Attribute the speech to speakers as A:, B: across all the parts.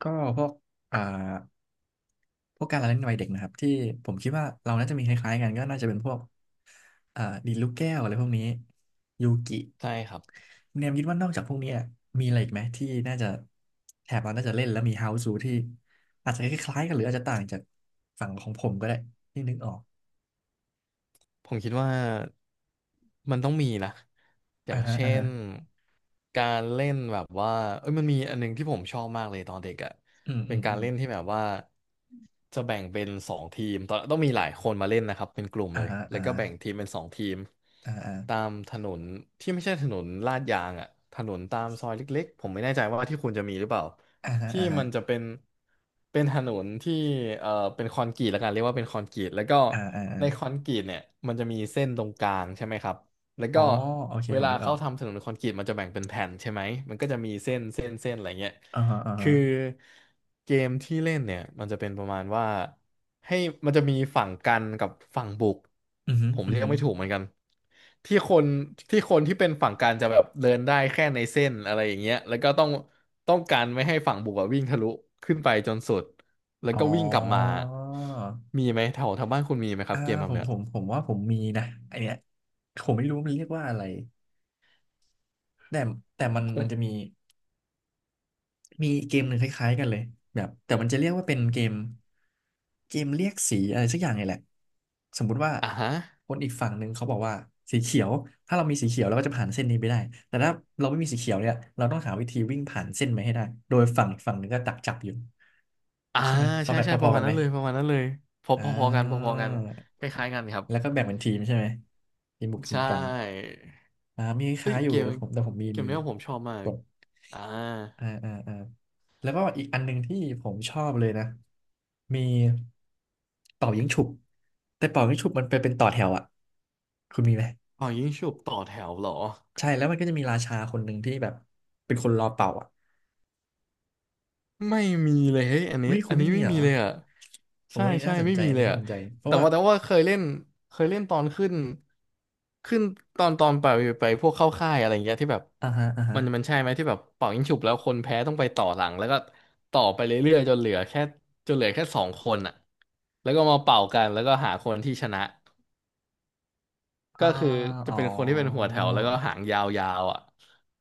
A: ก็พวกอ่าพวกการละเล่นวัยเด็กนะครับที่ผมคิดว่าเราน่าจะมีคล้ายๆกันก็น่าจะเป็นพวกดีดลูกแก้วอะไรพวกนี้ยูกิ
B: ใช่ครับ
A: เนมคิดว่านอกจากพวกนี้อะมีอะไรอีกไหมที่น่าจะแถบเราน่าจะเล่นแล้วมีเฮาส์ูที่อาจจะคล้ายๆกันหรืออาจจะต่างจากฝั่งของผมก็ได้ที่นึกออก
B: ผมคิดว่ามันต้องมีนะอ
A: อ่า
B: ย่าง
A: ฮะ
B: เช่
A: อ่าฮะ
B: นการเล่นแบบว่าเอ้ยมันมีอันหนึงที่ผมชอบมากเลยตอนเด็กอ่ะ
A: อืมอื
B: เป็น
A: ม
B: กา
A: อื
B: ร
A: ม
B: เล่นที่แบบว่าจะแบ่งเป็นสองทีมตอนต้องมีหลายคนมาเล่นนะครับเป็นกลุ่ม
A: อ่า
B: เลย
A: ฮะ
B: แล้
A: อ่า
B: วก็
A: ฮะ
B: แบ่งทีมเป็นสองทีม
A: อ่าฮะ
B: ตามถนนที่ไม่ใช่ถนนลาดยางอ่ะถนนตามซอยเล็กๆผมไม่แน่ใจว่าที่คุณจะมีหรือเปล่า
A: อ่าฮะ
B: ที่
A: อ่าฮะ
B: มันจะเป็นเป็นถนนที่เอ่อเป็นคอนกรีตแล้วกันเรียกว่าเป็นคอนกรีตแล้วก็
A: อ่าอ่าอ่า
B: ในคอนกรีตเนี่ยมันจะมีเส้นตรงกลางใช่ไหมครับแล้ว
A: อ๋อ
B: ก็
A: โอเค
B: เว
A: ผม
B: ลา
A: นึกออ
B: เขา
A: ก
B: ทำถนนคอนกรีตมันจะแบ่งเป็นแผ่นใช่ไหมมันก็จะมีเส้นอะไรเงี้ย
A: อ่าฮะอ่าฮะ
B: คือเกมที่เล่นเนี่ยมันจะเป็นประมาณว่าให้มันจะมีฝั่งกันกับฝั่งบุก
A: อือฮึ
B: ผม
A: อือ
B: เรียก
A: ฮึ
B: ไม่ถูกเหมือนกันที่คนที่คนที่เป็นฝั่งกันจะแบบเดินได้แค่ในเส้นอะไรอย่างเงี้ยแล้วก็ต้องต้องการไม่ให้ฝั่งบุกอะวิ่งทะลุขึ้นไปจนสุดแล้ว
A: อ๋
B: ก็วิ่งกลับมา
A: อ
B: มีไหมแถวแถวบ้านคุณมีไหมครั
A: อ่า
B: บเกมแบ
A: ผ
B: บ
A: ม
B: เนี้ย
A: ผมผมว่าผมมีนะไอเนี้ยผมไม่รู้มันเรียกว่าอะไรแต่แต่มัน
B: ผ
A: มันจะมี
B: ม
A: มีเกมหนึ่งคล้ายๆกันเลยแบบแต่มันจะเรียกว่าเป็นเกมเรียกสีอะไรสักอย่างนี่แหละสมมุติว่า
B: อ่าฮะ
A: คนอีกฝั่งหนึ่งเขาบอกว่าสีเขียวถ้าเรามีสีเขียวเราก็จะผ่านเส้นนี้ไปได้แต่ถ้าเราไม่มีสีเขียวเนี่ยเราต้องหาวิธีวิ่งผ่านเส้นไปให้ได้โดยฝั่งอีกฝั่งหนึ่งก็ดักจับอยู่
B: อ่า
A: ใช่ไหมฟอ
B: ใช่
A: ร์แม
B: ใช่
A: พ
B: ป
A: อ
B: ระ
A: ๆ
B: มา
A: กั
B: ณ
A: นไหม
B: นั้นเลยประมาณนั้นเลยพอ
A: อ่า
B: พอๆกันพอๆกันคล้ายๆกันครับ
A: แล้วก็แบ่งเป็นทีมใช่ไหมทีมบุกทีม
B: ใช่
A: กันมีค
B: เฮ้
A: ล้า
B: ย
A: ยอยู่
B: เกม
A: แต่ผมมี
B: เกมเนี้ยผมชอบมา
A: ก
B: ก
A: ด
B: อ่า
A: อ่าอ่าอ่าแล้วก็อีกอันหนึ่งที่ผมชอบเลยนะ มีเป่ายิงฉุบแต่เป่ายิงฉุบมันไปเป็นต่อแถวอ่ะคุณมีไหม
B: อ๋อยิงฉุบต่อแถวเหรอ
A: ใช่แล้วมันก็จะมีราชาคนหนึ่งที่แบบเป็นคนรอเป่าอ่ะ
B: ไม่มีเลยเฮ้ยอันนี้
A: อุ้ยคุ
B: อั
A: ณ
B: น
A: ไม่
B: นี้
A: มี
B: ไม่
A: เหร
B: มี
A: อ
B: เลยอ่ะ
A: โอ้
B: ใช่
A: อันนี้
B: ใช่
A: น่าสน
B: ไม่
A: ใจ
B: มี
A: อัน
B: เล
A: นี้
B: ย
A: น่า
B: อ่ะ
A: สนใจเพ
B: แต่
A: ราะว่า
B: ว่าแต่ว่าเคยเล่นเคยเล่นตอนขึ้นขึ้นตอนไปไปพวกเข้าค่ายอะไรอย่างเงี้ยที่แบบ
A: อ่าฮะอ่าฮะ
B: มันใช่ไหมที่แบบเป่ายิงฉุบแล้วคนแพ้ต้องไปต่อหลังแล้วก็ต่อไปเรื่อยๆจนเหลือแค่จนเหลือแค่สองคนอ่ะแล้วก็มาเป่ากันแล้วก็หาคนที่ชนะ
A: อ่า
B: ก็คือจะ
A: อ๋อ
B: เป็นคนที่เป็นหัวแถวแล้วก็หางยาวๆอ่ะ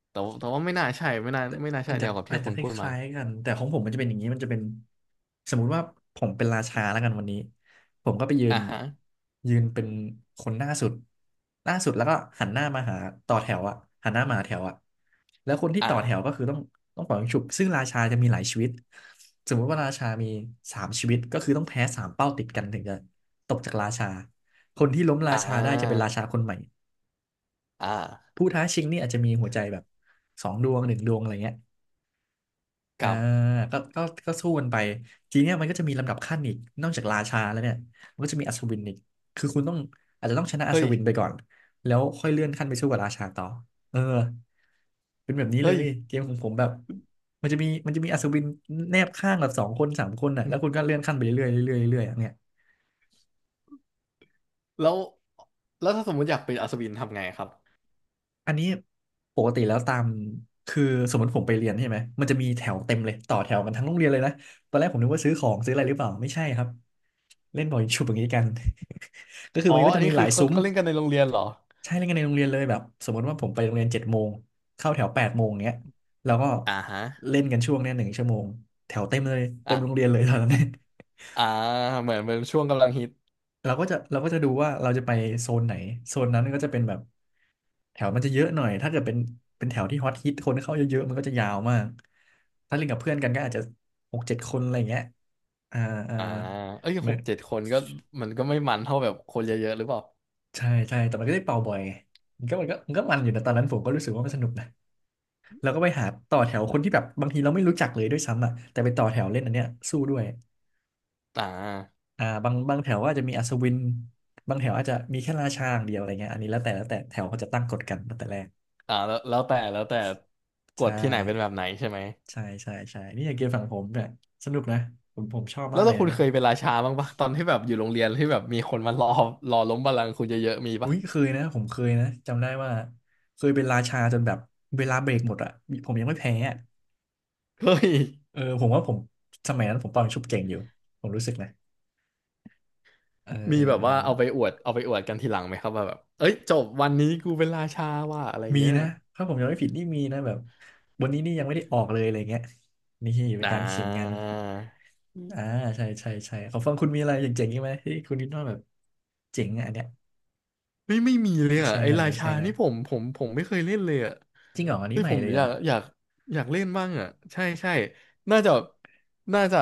B: แต่วแต่ว่าไม่น่าใช่ไม่น่า
A: แต่
B: ไม่น่า
A: อั
B: ใช่
A: นจะ
B: เดียวกับ
A: อั
B: ที่
A: นจะ
B: คุณ
A: ค
B: พูดมา
A: ล้ายๆกันแต่ของผมมันจะเป็นอย่างนี้มันจะเป็นสมมุติว่าผมเป็นราชาแล้วกันวันนี้ผมก็ไปยื
B: อ่า
A: น
B: ฮะ
A: ยืนเป็นคนหน้าสุดแล้วก็หันหน้ามาหาต่อแถวอะหันหน้ามาหาแถวอะแล้วคนที่
B: อ่า
A: ต่อแถวก็คือต้องเป่ายิงฉุบซึ่งราชาจะมีหลายชีวิตสมมุติว่าราชามี3 ชีวิตก็คือต้องแพ้3 เป้าติดกันถึงจะตกจากราชาคนที่ล้มรา
B: อ่
A: ชาได้จะเป็น
B: า
A: ราชาคนใหม่
B: อ่า
A: ผู้ท้าชิงนี่อาจจะมีหัวใจแบบ2 ดวง 1 ดวงอะไรเงี้ย
B: ค
A: อ่า
B: รับ
A: ก็ก็ก็สู้กันไปทีเนี้ยมันก็จะมีลำดับขั้นอีกนอกจากราชาแล้วเนี่ยมันก็จะมีอัศวินอีกคือคุณต้องอาจจะต้องชนะอัศ
B: เฮ้ย
A: วินไปก่อนแล้วค่อยเลื่อนขั้นไปสู้กับราชาต่อเออเป็นแบบนี้เล
B: เฮ้ย
A: ยเกมของผมแบบมันจะมีอัศวินแนบข้างแบบ2 คน 3 คนน่ะ
B: อื
A: แล้
B: ม
A: วคุณก็เลื่อนขั้นไปเรื่อยๆเรื่อยๆเรื่อยๆอย่างเงี้ย
B: แล้วแล้วถ้าสมมติอยากเป็นอัศวินทำไงครับ
A: อันนี้ปกติแล้วตามคือสมมติผมไปเรียนใช่ไหมมันจะมีแถวเต็มเลยต่อแถวกันทั้งโรงเรียนเลยนะตอนแรกผมนึกว่าซื้อของซื้ออะไรหรือเปล่าไม่ใช่ครับเล่นบอลชุบอย่างนี้กัน ก็คือ
B: อ๋อ
A: มันก็
B: อัน
A: จะมี
B: นี้
A: ห
B: คื
A: ลา
B: อ
A: ย
B: เขา
A: ซุ้ม
B: เขาเล่นกันในโรงเรียนเหรอ
A: ใช่เล่นกันในโรงเรียนเลยแบบสมมติว่าผมไปโรงเรียน7 โมงเข้าแถว8 โมงเงี้ยแล้วก็
B: อ่าฮะ
A: เล่นกันช่วงเนี้ย1 ชั่วโมงแถวเต็มเลยเต็
B: อ่า
A: มโรงเรียนเลยตอนนั้น
B: อ่า อ่าเหมือนเหมือนช่วงกำลังฮิต
A: เราก็จะดูว่าเราจะไปโซนไหนโซนนั้นก็จะเป็นแบบ แถวมันจะเยอะหน่อยถ้าเกิดเป็นเป็นแถวที่ฮอตฮิตคนเข้าเยอะๆมันก็จะยาวมาก ถ้าเล่นกับเพื่อนกันก็อาจจะ6-7 คนอะไรอย่างเงี้ยอ่าอ่า
B: อ่าเอ้ยห
A: มัน
B: กเจ็ดคนก็มันก็ไม่มันเท่าแบบคนเยอะๆหรือเปล่า
A: ใช่ใช่แต่มันก็ได้เป่าบ่อยไงมันอยู่นะตอนนั้นผมก็รู้สึกว่ามันสนุกนะเราก็ไปหาต่อแถวคนที่แบบบางทีเราไม่รู้จักเลยด้วยซ้ำอ่ะแต่ไปต่อแถวเล่นอันเนี้ยสู้ด้วย
B: อ่า
A: บางแถวว่าจจะมีอัศวินบางแถวอาจจะมีแค่ราชาอย่างเดียวอะไรเงี้ยอันนี้แล้วแต่แล้วแต่แถวเขาจะตั้งกฎกันตั้งแต่แรก
B: อ่าแล้วแล้วแต่ก
A: ใช่
B: ฎที่ไหนเป็นแบบไหนใช่ไหม
A: ใช่ใช่ใช่นี่อย่างเกมฝั่งผมเนี่ยสนุกนะผมชอบ
B: แล้
A: มา
B: ว
A: กเลย
B: ถ้าคุณ
A: นะ
B: เคยเป็นราชาบ้างปะตอนที่แบบอยู่โรงเรียนที่แบบมีคนมารอรอล้มบัลลังก์คุณเยอะๆมี
A: อุ้
B: ปะ
A: ยเคยนะผมเคยนะจำได้ว่าเคยเป็นราชาจนแบบเวลาเบรกหมดอ่ะผมยังไม่แพ้อะ
B: เฮ้ย
A: เออผมว่าผมสมัยนั้นผมตอนชุบเก่งอยู่ผมรู้สึกนะเออ
B: มี
A: เออ
B: แบบ
A: เออ
B: ว่าเอาไปอวดเอาไปอวดกันทีหลังไหมครับว่าแบบเอ้ยจบวันนี้กูเป็นราชาว่ะอะไร
A: มี
B: เงี้ย
A: นะถ้าผมจำไม่ผิดนี่มีนะแบบวันนี้นี่ยังไม่ได้ออกเลยอะไรเงี้ยนี่เป็น
B: อ่า
A: การขิงกันอ่าใช่ใช่ใช่ขอฟังคุณมีอะไรเจ๋งๆอีกไหมที่คุณคิดว่าแบบเจ๋งอะอันเนี้ย
B: ไม่ไม่มีเลย
A: แช
B: อ่ะ
A: ร์
B: ไอ้
A: หน่อย
B: รา
A: มาแช
B: ชา
A: ร์หน่อย
B: นี่ผมไม่เคยเล่นเลยอ่ะ
A: จริงเหรออันนี้
B: เฮ้ย
A: ใหม่
B: ผม
A: เลยเห
B: อ
A: ร
B: ยา
A: อ
B: กอยากอยากเล่นบ้างอ่ะใช่ใช่น่าจะน่าจะ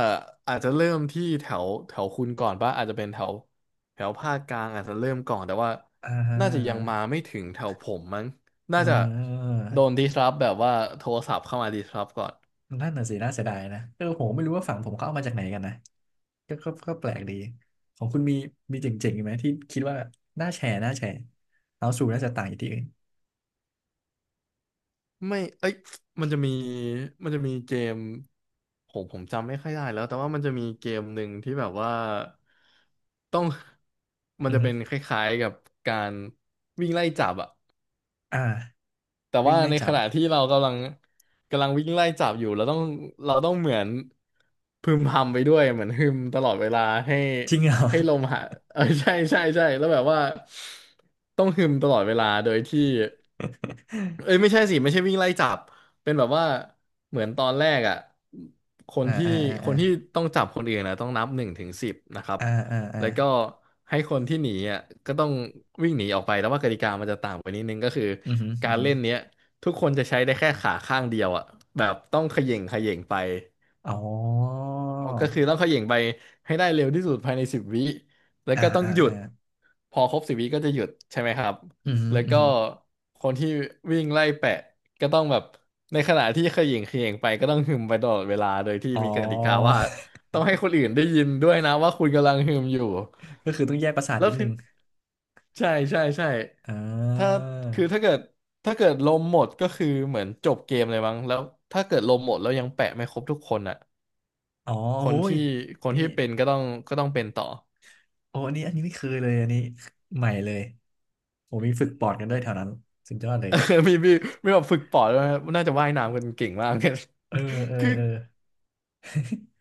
B: อาจจะเริ่มที่แถวแถวคุณก่อนป่ะอาจจะเป็นแถวแถวภาคกลางอาจจะเริ่มก่อนแต่ว่า
A: อ่
B: น่าจะยังมา
A: า
B: ไม่ถึงแถวผมมั้ง
A: เ
B: น่าจะ
A: ออ
B: โดนดิสรับแบบว่าโทรศัพท์เข้ามาดิสรับก่อน
A: นั่นน่ะสิน่าเสียดายนะเออผมไม่รู้ว่าฝั่งผมเขาเอามาจากไหนกันนะก็แปลกดีของคุณมีมีเจ๋งๆอีกไหมที่คิดว่าน่าแชร์น่าแชร์เอาสู่น่าจะต่างจากที่อื่น
B: ไม่เอ้ยมันจะมีมันจะมีเกมผมจำไม่ค่อยได้แล้วแต่ว่ามันจะมีเกมหนึ่งที่แบบว่าต้อง มัน
A: อือ
B: จะ
A: ฮึ
B: เป็นคล้ายๆกับการวิ่งไล่จับอะ
A: อ่า
B: แต่
A: วิ่
B: ว่า
A: งไล่
B: ในข
A: จับ
B: ณะที่เรากำลัง กำลังวิ่งไล่จับอยู่ เราต้องเหมือนพึมพำไปด้วยเหมือนฮึมตลอดเวลาให้
A: จริงเหรอ
B: ให้ลมหายเออใช่ใช่ใช่แล้วแบบว่าต้องฮึมตลอดเวลาโดยที่ เอ้ยไม่ใช่สิไม่ใช่วิ่งไล่จับเป็นแบบว่าเหมือนตอนแรกอ่ะค น
A: อ่า
B: ที่
A: อ่าอ่า
B: ค
A: อ่า
B: นที่ต้องจับคนอื่นนะต้องนับหนึ่งถึงสิบนะครับ
A: อ่าอ่าอ่า
B: แล้วก็ให้คนที่หนีอ่ะก็ต้องวิ่งหนีออกไปแต่ว่ากติกามันจะต่างไปนิดนึงก็คือ
A: อือฮึอื
B: กา
A: อ
B: ร
A: ฮึ
B: เล่นเนี้ยทุกคนจะใช้ได้แค่ขาข้างเดียวอ่ะแบบต้องเขย่งเขย่งไป
A: อ๋อ
B: ออกก็คือต้องเขย่งไปให้ได้เร็วที่สุดภายในสิบวิแล้ว
A: อ่า
B: ก็ต้อง
A: อ่า
B: หยุด
A: อ่า
B: พอครบสิบวิก็จะหยุดใช่ไหมครับ
A: อือฮึ
B: แล้ว
A: อือ
B: ก็
A: ฮึ
B: คนที่วิ่งไล่แปะก็ต้องแบบในขณะที่เขย่งเขย่งไปก็ต้องหึมไปตลอดเวลาโดยที่
A: อ๋อ
B: มีกติกาว่า ต้องให้คนอื่นได้ยินด้วยนะว่าคุณกำลังหึมอยู่
A: ก็คือต้องแยกประสาท
B: แล้
A: นิ
B: ว
A: ดนึ
B: ที่
A: ง
B: ใช่ใช่ใช่
A: อ่
B: ถ้า
A: า
B: คือถ้าเกิดลมหมดก็คือเหมือนจบเกมเลยมั้งแล้วถ้าเกิดลมหมดแล้วยังแปะไม่ครบทุกคนอ่ะ
A: อ๋อ
B: ค
A: โอ้
B: น
A: ย
B: ที่คน
A: นี่
B: ที่เป็นก็ต้องเป็นต่อ
A: โอ้อันนี้อันนี้ไม่เคยเลยอันนี้ใหม่เลยโอ้มีฝึกปอดกันด้วยแถวนั้นสุดยอดเล ย
B: เออมีมีมีแบบฝึกปอดด้วยนะน่าจะว่ายน้ำกันเก่งมาก เลย
A: เออเออ
B: คือ
A: เออ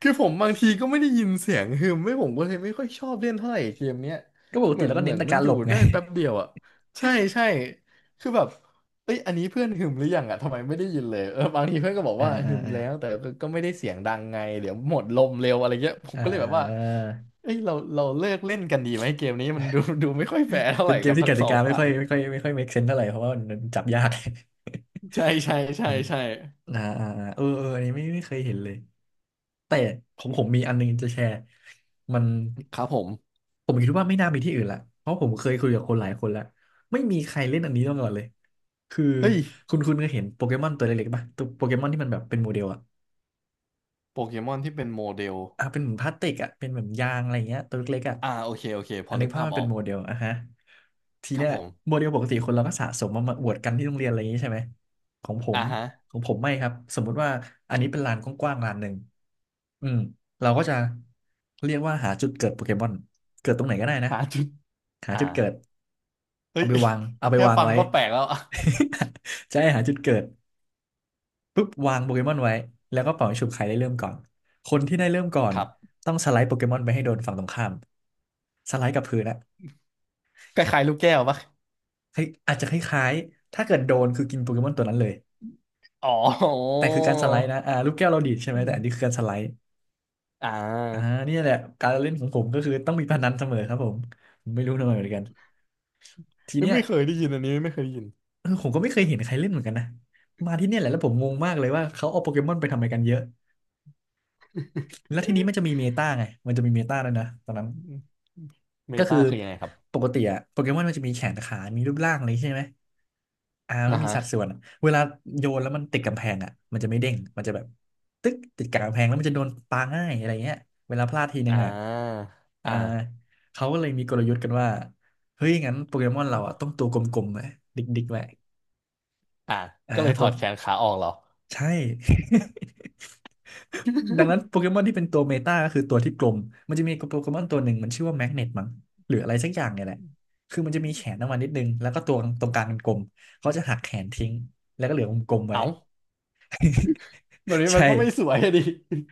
B: คือผมบางทีก็ไม่ได้ยินเสียงฮึมไม่ผมก็เลยไม่ค่อยชอบเล่นเท่าไหร่เกมเนี้ย
A: ก็ปก
B: เห
A: ติ
B: มือน
A: แล้วก็
B: เห
A: เน้
B: มือ
A: น
B: น
A: แต่
B: มัน
A: การ
B: อ
A: หล
B: ยู่
A: บไง
B: ได้แป๊บเดียวอ่ะใช่ใช่คือแบบเอ้ยอันนี้เพื่อนหึมหรือยังอ่ะทำไมไม่ได้ยินเลยเออบางทีเพื่อนก็บอก
A: อ่า
B: ว่า
A: อ่า
B: หึม
A: อ่า
B: แล้วแต่ก็ไม่ได้เสียงดังไงเดี๋ยวหมดลมเร็วอะไรเงี้ยผม
A: อ่
B: ก็เลยแบบว่า
A: า
B: เอ้ยเราเลิกเล่นกันดีไหมเกมนี้มันดูไม่ค่อยแฟร์เท่าไห
A: เป็
B: ร่
A: นเกม
B: กับ
A: ที่ก
B: ทั้งส
A: ติ
B: อง
A: กา
B: ฝ่าย
A: ไม่ค่อย make sense เท่าไหร่เพราะว่ามันจับยาก
B: ใช่ใช่
A: อื
B: ใช่
A: ม
B: ใช่
A: อ่าอ่าอ่าเออเอออันนี้ไม่เคยเห็นเลยแต่ของผมมีอันนึงจะแชร์มัน
B: ครับผม
A: ผมคิดว่าไม่น่ามีที่อื่นละเพราะผมเคยคุยกับคนหลายคนแล้วไม่มีใครเล่นอันนี้มาก่อนเลยคือ
B: เฮ้ย
A: คุณก็เห็นโปเกมอนตัวเล็กๆป่ะตัวโปเกมอนที่มันแบบเป็นโมเดลอะ
B: โปเกมอนที่เป็นโมเดล
A: อ่ะเป็นเหมือนพลาสติกอะเป็นเหมือนยางอะไรเงี้ยตัวเล็กๆอะ
B: อ่าโอเคโอเคพ
A: อั
B: อ
A: นนี้
B: นึก
A: ภาพ
B: ภาพ
A: มัน
B: อ
A: เป็
B: อ
A: น
B: ก
A: โมเดลอะฮะที
B: ครั
A: เนี้
B: บ
A: ย
B: ผม
A: โมเดลปกติคนเราก็สะสมมามาอวดกันที่โรงเรียนอะไรอย่างงี้ใช่ไหม ของผ
B: อ่า
A: ม
B: ฮะ
A: ของผมไม่ครับ สมมุติว่าอันนี้เป็นลานกว้างๆลานหนึ่งอืมเราก็จะเรียกว่าหาจุดเกิดโปเกมอนเกิดตรงไหนก็ได้นะ
B: หาจุด
A: หา
B: อ่า
A: จุดเกิด
B: เฮ้
A: เอา
B: ย
A: ไปวางเอา ไป
B: แค่
A: วาง
B: ฟัง
A: ไว้
B: ก็แปลกแล้ว อ่ะ
A: จะให้หาจุดเกิดปุ๊บวางโปเกมอนไว้แล้วก็เป่าให้ฉุบใครได้เริ่มก่อนคนที่ได้เริ่มก่อน
B: ครับ
A: ต้องสไลด์โปเกมอนไปให้โดนฝั่งตรงข้ามสไลด์กับพื้นอะ
B: คล้ายๆลูกแก้วปะ
A: เฮ้ยอาจจะคล้ายๆถ้าเกิดโดนคือกินโปเกมอนตัวนั้นเลย
B: อ๋อ
A: แต่คือการสไลด์นะอ่าลูกแก้วเราดีดใช่ไหม
B: อืม
A: แต่อันนี้คือการสไลด์
B: อ่
A: อ่า
B: า
A: เนี่ยแหละการเล่นของผมก็คือต้องมีพนันเสมอครับผมผมไม่รู้ทำไมเหมือนกันที
B: เฮ้ย
A: เนี้ย
B: ไม่เคยได้ยินอันนี้ไม่เคยได้ยิน
A: เออผมก็ไม่เคยเห็นใครเล่นเหมือนกันนะมาที่เนี่ยแหละแล้วผมงงมากเลยว่าเขาเอาโปเกมอนไปทำอะไรกันเยอะ แล้วทีนี้มันจะมีเมตาไงมันจะมีเมตาแล้วยนะตอนนั้น
B: อืมเม
A: ก็
B: ตา
A: คือ
B: คือยังไงครับ
A: ปกติอะโปเกมอนมันจะมีแขนขามีรูปร่างอะไรใช่ไหมอ่า
B: อ่า
A: ก็มีสัด
B: ฮะ
A: ส่วนอะเวลาโยนแล้วมันติดกำแพงอะมันจะไม่เด้งมันจะแบบตึ๊กติดกับกำแพงแล้วมันจะโดนปาง่ายอะไรเงี้ยเวลาพลาดทีนึ
B: อ่
A: งอะ
B: า
A: อ่า
B: อ่า
A: เขาก็เลยมีกลยุทธ์กันว่าเฮ้ยงั้นโปเกมอนเราอะต้องตัวกลมๆไว้ดิกๆไว้
B: อ่า
A: อ่า
B: ก็เลยถ
A: ตั
B: อ
A: ว
B: ดแขนขาออกเหรอ
A: ใช่ ดังนั้นโปเกมอนที่เป็นตัวเมตาก็คือตัวที่กลม มันจะมีโปเกมอนตัวหนึ่งมันชื่อว่าแมกเนตมั้งหรืออะไรสักอย่างเนี่ยแหละคือมันจะมีแขนออกมานิดนึงแล้วก็ตัวตรงกลางเป็นกลมเขาจะหักแขนทิ้งแล้วก็เหลือวงกลมไว้
B: เอ้าแบบ นี้มั
A: ใช่
B: นก็ไม่สวยอะดิ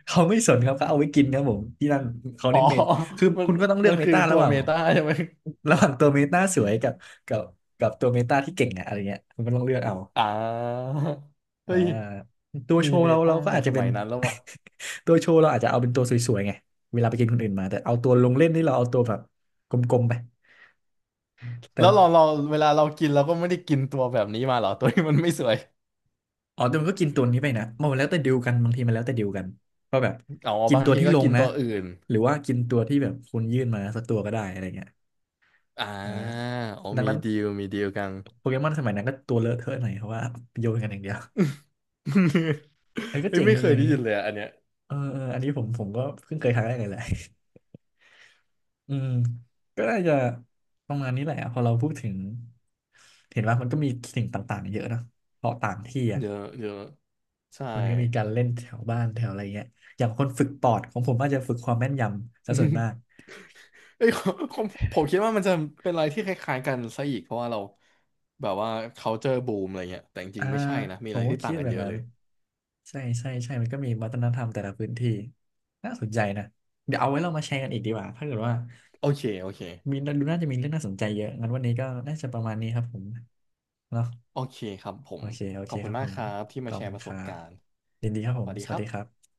A: เขาไม่สนครับเขาเอาไว้กินครับผมที่นั่นเขา
B: อ๋อ
A: เน้นเมตคือ
B: มัน
A: คุณก็ต้องเลือ
B: มั
A: ก
B: น
A: เม
B: คือ
A: ตา
B: ตั
A: ระ
B: ว
A: หว่าง
B: เมตาใช่ไหม
A: ระหว่างตัวเมตาสวยกับกับตัวเมตาที่เก่งอะอะไรเงี้ยคุณก็ต้องเลือกเอา
B: อ่า เฮ้
A: อ่า
B: ย
A: ตัวโช
B: มี
A: ว์
B: เม
A: เรา
B: ตา
A: เรา
B: ตั้
A: ก็
B: ง
A: อา
B: แต่
A: จ
B: ส
A: จะเป็
B: มั
A: น
B: ยนั้นแล้ววะ
A: ตัวโชว์เราอาจจะเอาเป็นตัวสวยๆไงเวลาไปกินคนอื่นมาแต่เอาตัวลงเล่นนี่เราเอาตัวแบบกลมๆไป
B: แล้วเรา
A: แต่
B: เราเวลาเรากินเราก็ไม่ได้กินตัวแบบนี้มาเหรอตัวที่มันไม่สวย
A: อ๋อแต่มันก็กินตัวนี้ไปนะมันแล้วแต่ดีลกันบางทีมันแล้วแต่ดีลกันว่าแบบ
B: เอา
A: กิน
B: บาง
A: ตัว
B: ที
A: ที่
B: ก็
A: ลง
B: กิน
A: นะ
B: ตัวอื่น
A: หรือว่ากินตัวที่แบบคุณยื่นมาสักตัวก็ได้อะไรเงี้ย
B: อ่า
A: อ่า
B: เอ
A: ดัง
B: มี
A: นั้น
B: ดีลมีดีลกัน
A: โปเกมอนสมัยนั้นก็ตัวเลอะเทอะหน่อยเพราะว่าโยนกันอย่างเดียว เออก็
B: เฮ้ย
A: เจ๋ง
B: ไม่
A: ดี
B: เคย
A: อัน
B: ได้
A: นี้
B: ยินเลยอะอันเนี้ย
A: เออเอออันนี้ผมก็เพิ่งเคยครั้งแรกเลยแหละ อืมก็น่าจะประมาณนี้แหละพอเราพูดถึงเห็นว่ามันก็มีสิ่งต่างๆเยอะนะเพราะต่างที่อ่ะ
B: เยอะเยอะใช่
A: มันก็มีการเล่นแถวบ้านแถวอะไรเงี้ยอย่างคนฝึกปอดของผมอาจจะฝึกความแม่นยำซะส่วนมาก
B: เอ้ยผมผมคิดว่ามันจะเป็นอะไรที่คล้ายๆกันซะอีกเพราะว่าเราแบบว่า culture boom อะไรเงี้ยแต่จริ
A: อ่า
B: งๆไม่ใช่นะมี
A: ผ
B: อะไร
A: มก็
B: ที่
A: คิ
B: ต่า
A: ด
B: งกัน
A: แบบ
B: เยอะ
A: นั้
B: เล
A: น
B: ย
A: ใช่ใช่ใช่มันก็มีวัฒนธรรมแต่ละพื้นที่น่าสนใจนะเดี๋ยวเอาไว้เรามาแชร์กันอีกดีกว่าถ้าเกิดว่า
B: โอเคโอเค
A: มีดูน่าจะมีเรื่องน่าสนใจเยอะงั้นวันนี้ก็น่าจะประมาณนี้ครับผมเนาะ
B: โอเคครับผ
A: โอ
B: ม
A: เค โอ
B: ข
A: เค
B: อบ
A: ค
B: คุณ
A: รับ
B: มา
A: ผ
B: ก
A: ม
B: ครับที่
A: ข
B: มา
A: อบ
B: แช
A: คุ
B: ร์ป
A: ณ
B: ระ
A: ค
B: ส
A: รั
B: บ
A: บ
B: การณ์
A: ยินดีครับผ
B: ส
A: ม
B: วัสดี
A: ส
B: ค
A: วัส
B: รั
A: ดีครั
B: บ
A: บ